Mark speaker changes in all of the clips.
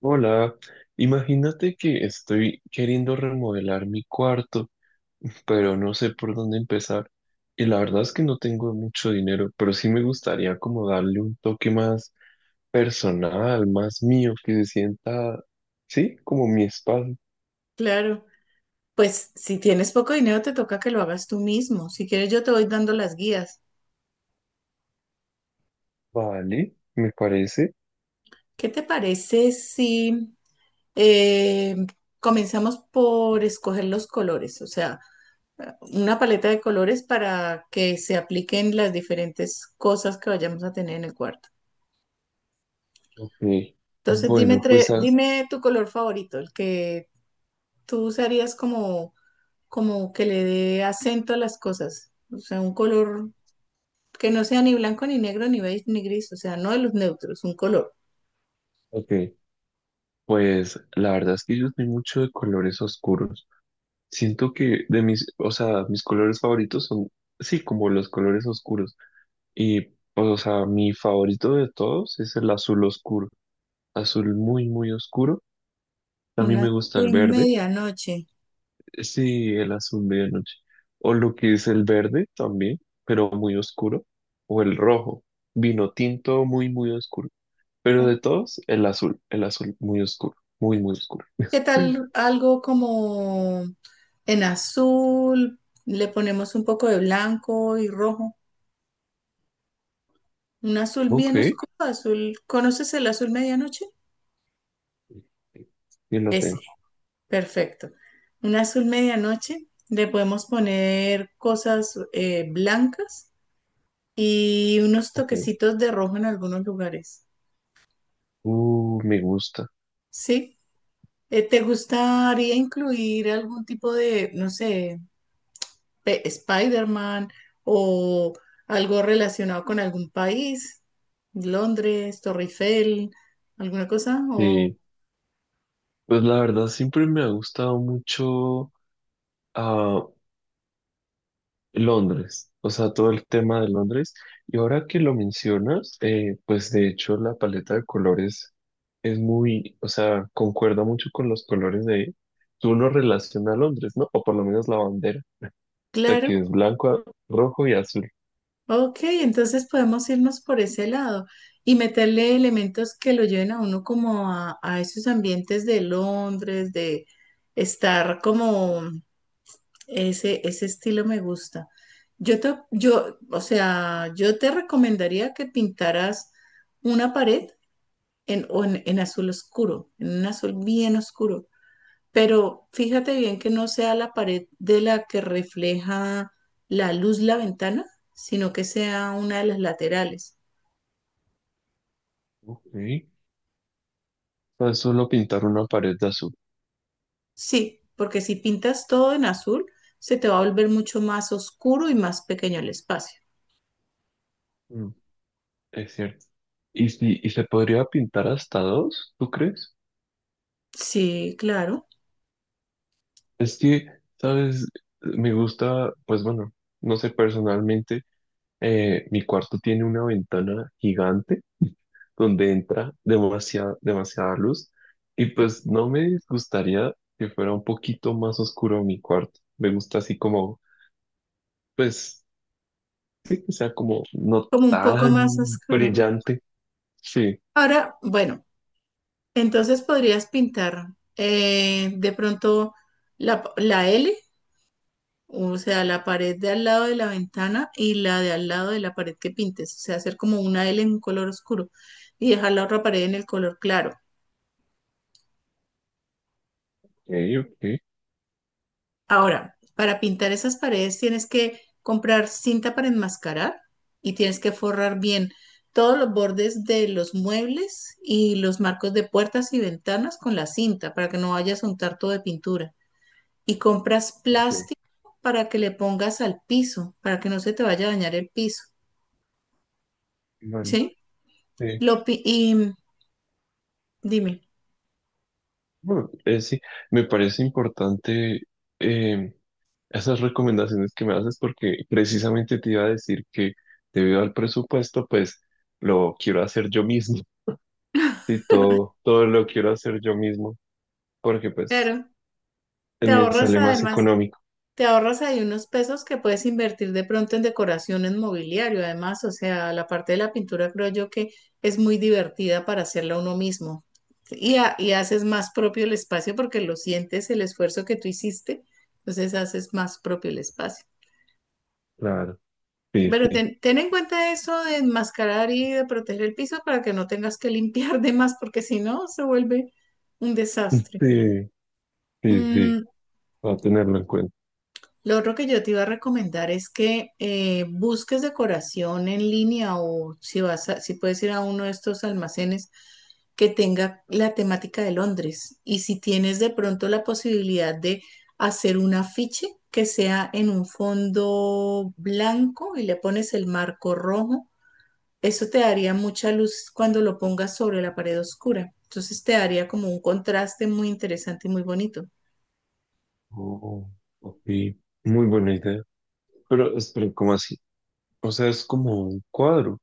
Speaker 1: Hola, imagínate que estoy queriendo remodelar mi cuarto, pero no sé por dónde empezar. Y la verdad es que no tengo mucho dinero, pero sí me gustaría como darle un toque más personal, más mío, que se sienta, sí, como mi espacio.
Speaker 2: Claro, pues si tienes poco dinero te toca que lo hagas tú mismo. Si quieres yo te voy dando las guías.
Speaker 1: Vale, me parece.
Speaker 2: ¿Qué te parece si eh, comenzamos por escoger los colores? O sea, una paleta de colores para que se apliquen las diferentes cosas que vayamos a tener en el cuarto.
Speaker 1: Ok,
Speaker 2: Entonces dime,
Speaker 1: bueno, pues,
Speaker 2: dime tu color favorito, el que tú usarías como, como que le dé acento a las cosas. O sea, un color que no sea ni blanco, ni negro, ni beige, ni gris, o sea, no de los neutros, un color.
Speaker 1: ok, pues la verdad es que yo soy mucho de colores oscuros. Siento que de mis, o sea, mis colores favoritos son, sí, como los colores oscuros. Y pues, o sea, mi favorito de todos es el azul oscuro. Azul muy, muy oscuro.
Speaker 2: Un
Speaker 1: También me gusta el
Speaker 2: azul
Speaker 1: verde.
Speaker 2: medianoche.
Speaker 1: Sí, el azul medianoche. O lo que es el verde también, pero muy oscuro. O el rojo. Vino tinto muy, muy oscuro. Pero de todos, el azul. El azul muy oscuro. Muy, muy oscuro.
Speaker 2: ¿Qué tal algo como en azul? Le ponemos un poco de blanco y rojo. Un azul
Speaker 1: Ok.
Speaker 2: bien oscuro, azul. ¿Conoces el azul medianoche?
Speaker 1: Yo lo
Speaker 2: Ese,
Speaker 1: tengo.
Speaker 2: perfecto. Un azul medianoche. Le podemos poner cosas blancas y unos
Speaker 1: Ok.
Speaker 2: toquecitos de rojo en algunos lugares.
Speaker 1: Me gusta.
Speaker 2: ¿Sí? ¿Te gustaría incluir algún tipo de, no sé, Spider-Man o algo relacionado con algún país? ¿Londres, Torre Eiffel, alguna cosa? O
Speaker 1: Sí. Pues la verdad siempre me ha gustado mucho. ah, Londres, o sea, todo el tema de Londres. Y ahora que lo mencionas, pues de hecho la paleta de colores es muy, o sea, concuerda mucho con los colores de, tú lo relaciona a Londres, ¿no? O por lo menos la bandera, o sea, que
Speaker 2: claro,
Speaker 1: es blanco, rojo y azul.
Speaker 2: ok, entonces podemos irnos por ese lado y meterle elementos que lo lleven a uno como a esos ambientes de Londres, de estar como ese estilo me gusta. O sea, yo te recomendaría que pintaras una pared en, o en, en azul oscuro, en un azul bien oscuro. Pero fíjate bien que no sea la pared de la que refleja la luz la ventana, sino que sea una de las laterales.
Speaker 1: Ok, no es solo pintar una pared de azul.
Speaker 2: Sí, porque si pintas todo en azul, se te va a volver mucho más oscuro y más pequeño el espacio.
Speaker 1: Mm, es cierto. ¿Y, si, y se podría pintar hasta dos, tú crees?
Speaker 2: Sí, claro,
Speaker 1: Es que, ¿sabes? Me gusta, pues bueno, no sé personalmente. Mi cuarto tiene una ventana gigante donde entra demasiada, demasiada luz y pues no me disgustaría que fuera un poquito más oscuro mi cuarto. Me gusta así como, pues, sí, que sea como no
Speaker 2: como un poco más
Speaker 1: tan
Speaker 2: oscuro.
Speaker 1: brillante. Sí,
Speaker 2: Ahora, bueno. Entonces podrías pintar de pronto la L, o sea, la pared de al lado de la ventana y la de al lado de la pared que pintes, o sea, hacer como una L en un color oscuro y dejar la otra pared en el color claro.
Speaker 1: ok, ok,
Speaker 2: Ahora, para pintar esas paredes tienes que comprar cinta para enmascarar y tienes que forrar bien todos los bordes de los muebles y los marcos de puertas y ventanas con la cinta para que no vayas a untar todo de pintura. Y compras
Speaker 1: ok,
Speaker 2: plástico para que le pongas al piso, para que no se te vaya a dañar el piso,
Speaker 1: Bueno,
Speaker 2: ¿sí?
Speaker 1: sí.
Speaker 2: Y dime,
Speaker 1: Bueno, sí, me parece importante eh, esas recomendaciones que me haces porque precisamente te iba a decir que debido al presupuesto, pues lo quiero hacer yo mismo. Sí, todo lo quiero hacer yo mismo porque pues
Speaker 2: claro, te
Speaker 1: me
Speaker 2: ahorras
Speaker 1: sale más
Speaker 2: además,
Speaker 1: económico.
Speaker 2: te ahorras ahí unos pesos que puedes invertir de pronto en decoración, en mobiliario, además, o sea, la parte de la pintura creo yo que es muy divertida para hacerla uno mismo. Sí, y haces más propio el espacio porque lo sientes, el esfuerzo que tú hiciste, entonces haces más propio el espacio.
Speaker 1: Claro. Sí,
Speaker 2: Pero
Speaker 1: sí.
Speaker 2: ten en cuenta eso de enmascarar y de proteger el piso para que no tengas que limpiar de más, porque si no, se vuelve un desastre.
Speaker 1: Sí, sí, sí.
Speaker 2: Mm,
Speaker 1: Va a tenerlo en cuenta.
Speaker 2: lo otro que yo te iba a recomendar es que busques decoración en línea o si puedes ir a uno de estos almacenes que tenga la temática de Londres. Y si tienes de pronto la posibilidad de hacer un afiche que sea en un fondo blanco y le pones el marco rojo. Eso te daría mucha luz cuando lo pongas sobre la pared oscura. Entonces te daría como un contraste muy interesante y muy bonito.
Speaker 1: Oh, ok. Muy buena idea. Pero, espera, ¿cómo así? O sea, es como un cuadro.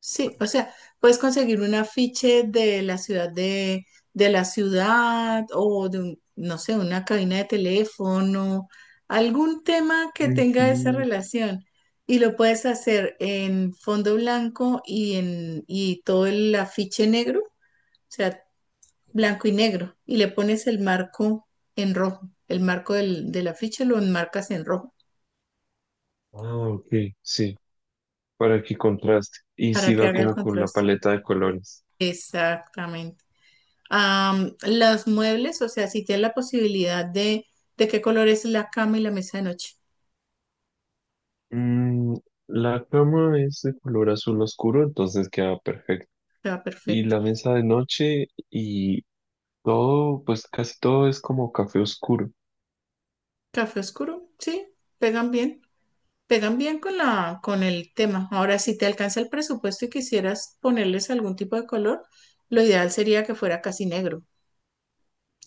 Speaker 2: Sí, o sea, puedes conseguir un afiche de la ciudad o de no sé, una cabina de teléfono, algún tema que
Speaker 1: Ay,
Speaker 2: tenga esa
Speaker 1: sí.
Speaker 2: relación. Y lo puedes hacer en fondo blanco y en y todo el afiche negro. O sea, blanco y negro y le pones el marco en rojo. De la ficha lo enmarcas en rojo
Speaker 1: Ah, ok. Sí, para que contraste. Y
Speaker 2: para
Speaker 1: sí
Speaker 2: que
Speaker 1: va
Speaker 2: haga el
Speaker 1: como con la
Speaker 2: contraste.
Speaker 1: paleta de colores.
Speaker 2: Exactamente. Am, los muebles, o sea, si tienes la posibilidad de qué color es la cama y la mesa de noche,
Speaker 1: Mm, la cama es de color azul oscuro, entonces queda perfecto.
Speaker 2: te va
Speaker 1: Y
Speaker 2: perfecto.
Speaker 1: la mesa de noche y todo, pues casi todo es como café oscuro.
Speaker 2: Café oscuro, sí, pegan bien, pegan bien con la, con el tema. Ahora, si te alcanza el presupuesto y quisieras ponerles algún tipo de color, lo ideal sería que fuera casi negro.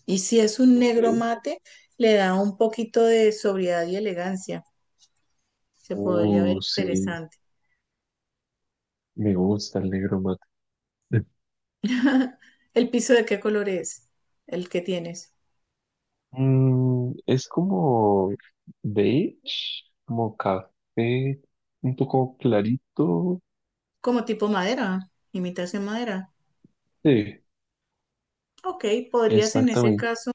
Speaker 2: Y si es un negro
Speaker 1: Ok.
Speaker 2: mate, le da un poquito de sobriedad y elegancia. Se podría ver
Speaker 1: Sí,
Speaker 2: interesante.
Speaker 1: me gusta el negro mate.
Speaker 2: ¿El piso de qué color es? El que tienes.
Speaker 1: Mm, es como beige, como café, un poco clarito.
Speaker 2: Como tipo madera, imitación madera.
Speaker 1: Sí,
Speaker 2: Ok, podrías en ese
Speaker 1: exactamente.
Speaker 2: caso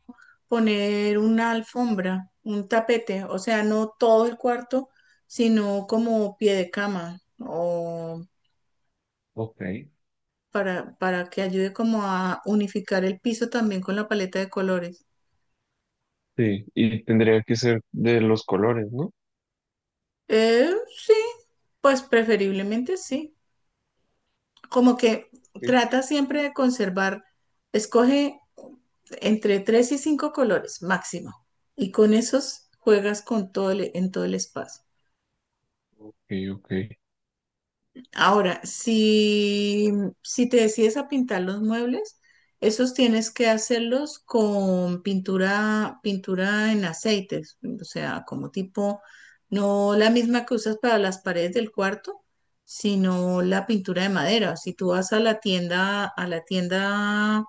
Speaker 2: poner una alfombra, un tapete, o sea, no todo el cuarto, sino como pie de cama o
Speaker 1: Ok.
Speaker 2: para que ayude como a unificar el piso también con la paleta de colores.
Speaker 1: Sí, y tendría que ser de los colores, ¿no?
Speaker 2: Eh, sí, pues preferiblemente sí. Como que
Speaker 1: Ok,
Speaker 2: trata siempre de conservar, escoge entre tres y cinco colores máximo. Y con esos juegas con en todo el espacio.
Speaker 1: ok, ok.
Speaker 2: Ahora, si te decides a pintar los muebles, esos tienes que hacerlos con pintura, pintura en aceites, o sea, como tipo, no la misma que usas para las paredes del cuarto, sino la pintura de madera. Si tú vas a la tienda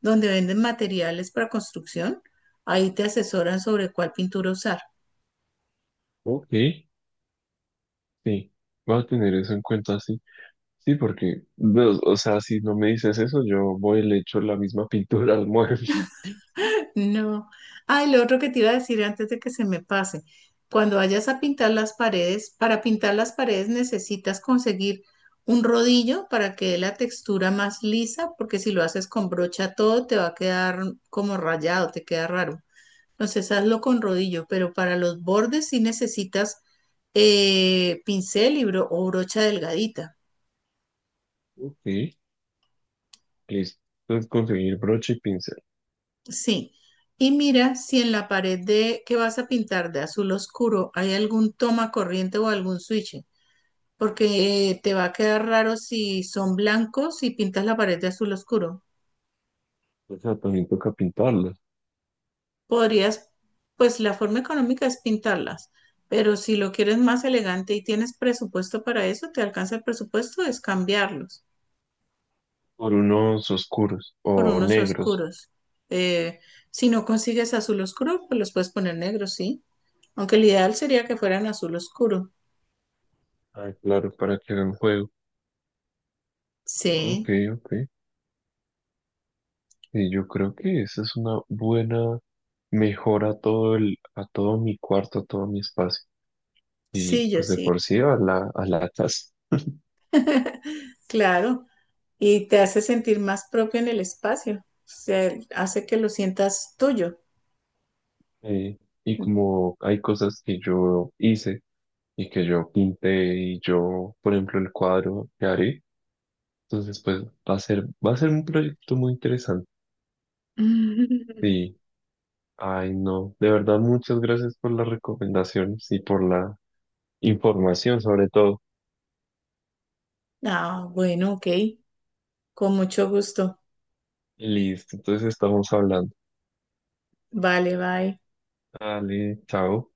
Speaker 2: donde venden materiales para construcción, ahí te asesoran sobre cuál pintura usar.
Speaker 1: Ok. Sí, voy a tener eso en cuenta, sí. Sí, porque, no, o sea, si no me dices eso, yo voy y le echo la misma pintura al mueble.
Speaker 2: No. Ah, y lo otro que te iba a decir antes de que se me pase, cuando vayas a pintar las paredes, para pintar las paredes necesitas conseguir un rodillo para que dé la textura más lisa, porque si lo haces con brocha todo te va a quedar como rayado, te queda raro. Entonces hazlo con rodillo, pero para los bordes sí necesitas pincel y bro- o brocha delgadita.
Speaker 1: Ok, listo. Entonces conseguir broche y pincel.
Speaker 2: Sí, y mira si en la pared de que vas a pintar de azul oscuro hay algún toma corriente o algún switch, porque te va a quedar raro si son blancos y pintas la pared de azul oscuro.
Speaker 1: O sea, también toca pintarlos
Speaker 2: Podrías, pues la forma económica es pintarlas, pero si lo quieres más elegante y tienes presupuesto para eso, te alcanza el presupuesto, es cambiarlos
Speaker 1: por unos oscuros
Speaker 2: por
Speaker 1: o
Speaker 2: unos
Speaker 1: negros.
Speaker 2: oscuros. Eh, si no consigues azul oscuro, pues los puedes poner negros, ¿sí? Aunque el ideal sería que fueran azul oscuro.
Speaker 1: Ah, claro, para que hagan juego.
Speaker 2: Sí,
Speaker 1: Ok, ok. Y yo creo que esa es una buena mejora a todo el, a todo mi cuarto, a todo mi espacio. Y
Speaker 2: sí, yo
Speaker 1: pues de
Speaker 2: sí,
Speaker 1: por sí a la casa.
Speaker 2: claro. Y te hace sentir más propio en el espacio. O sea, hace que lo sientas tuyo.
Speaker 1: Eh, y como hay cosas que yo hice y que yo pinté y yo, por ejemplo, el cuadro que haré, entonces pues va a ser un proyecto muy interesante. Sí, ay no, de verdad muchas gracias por las recomendaciones y por la información sobre todo.
Speaker 2: Ah, bueno, ok. Con mucho gusto.
Speaker 1: Listo, entonces estamos hablando.
Speaker 2: Vale, bye.
Speaker 1: Dale, chao.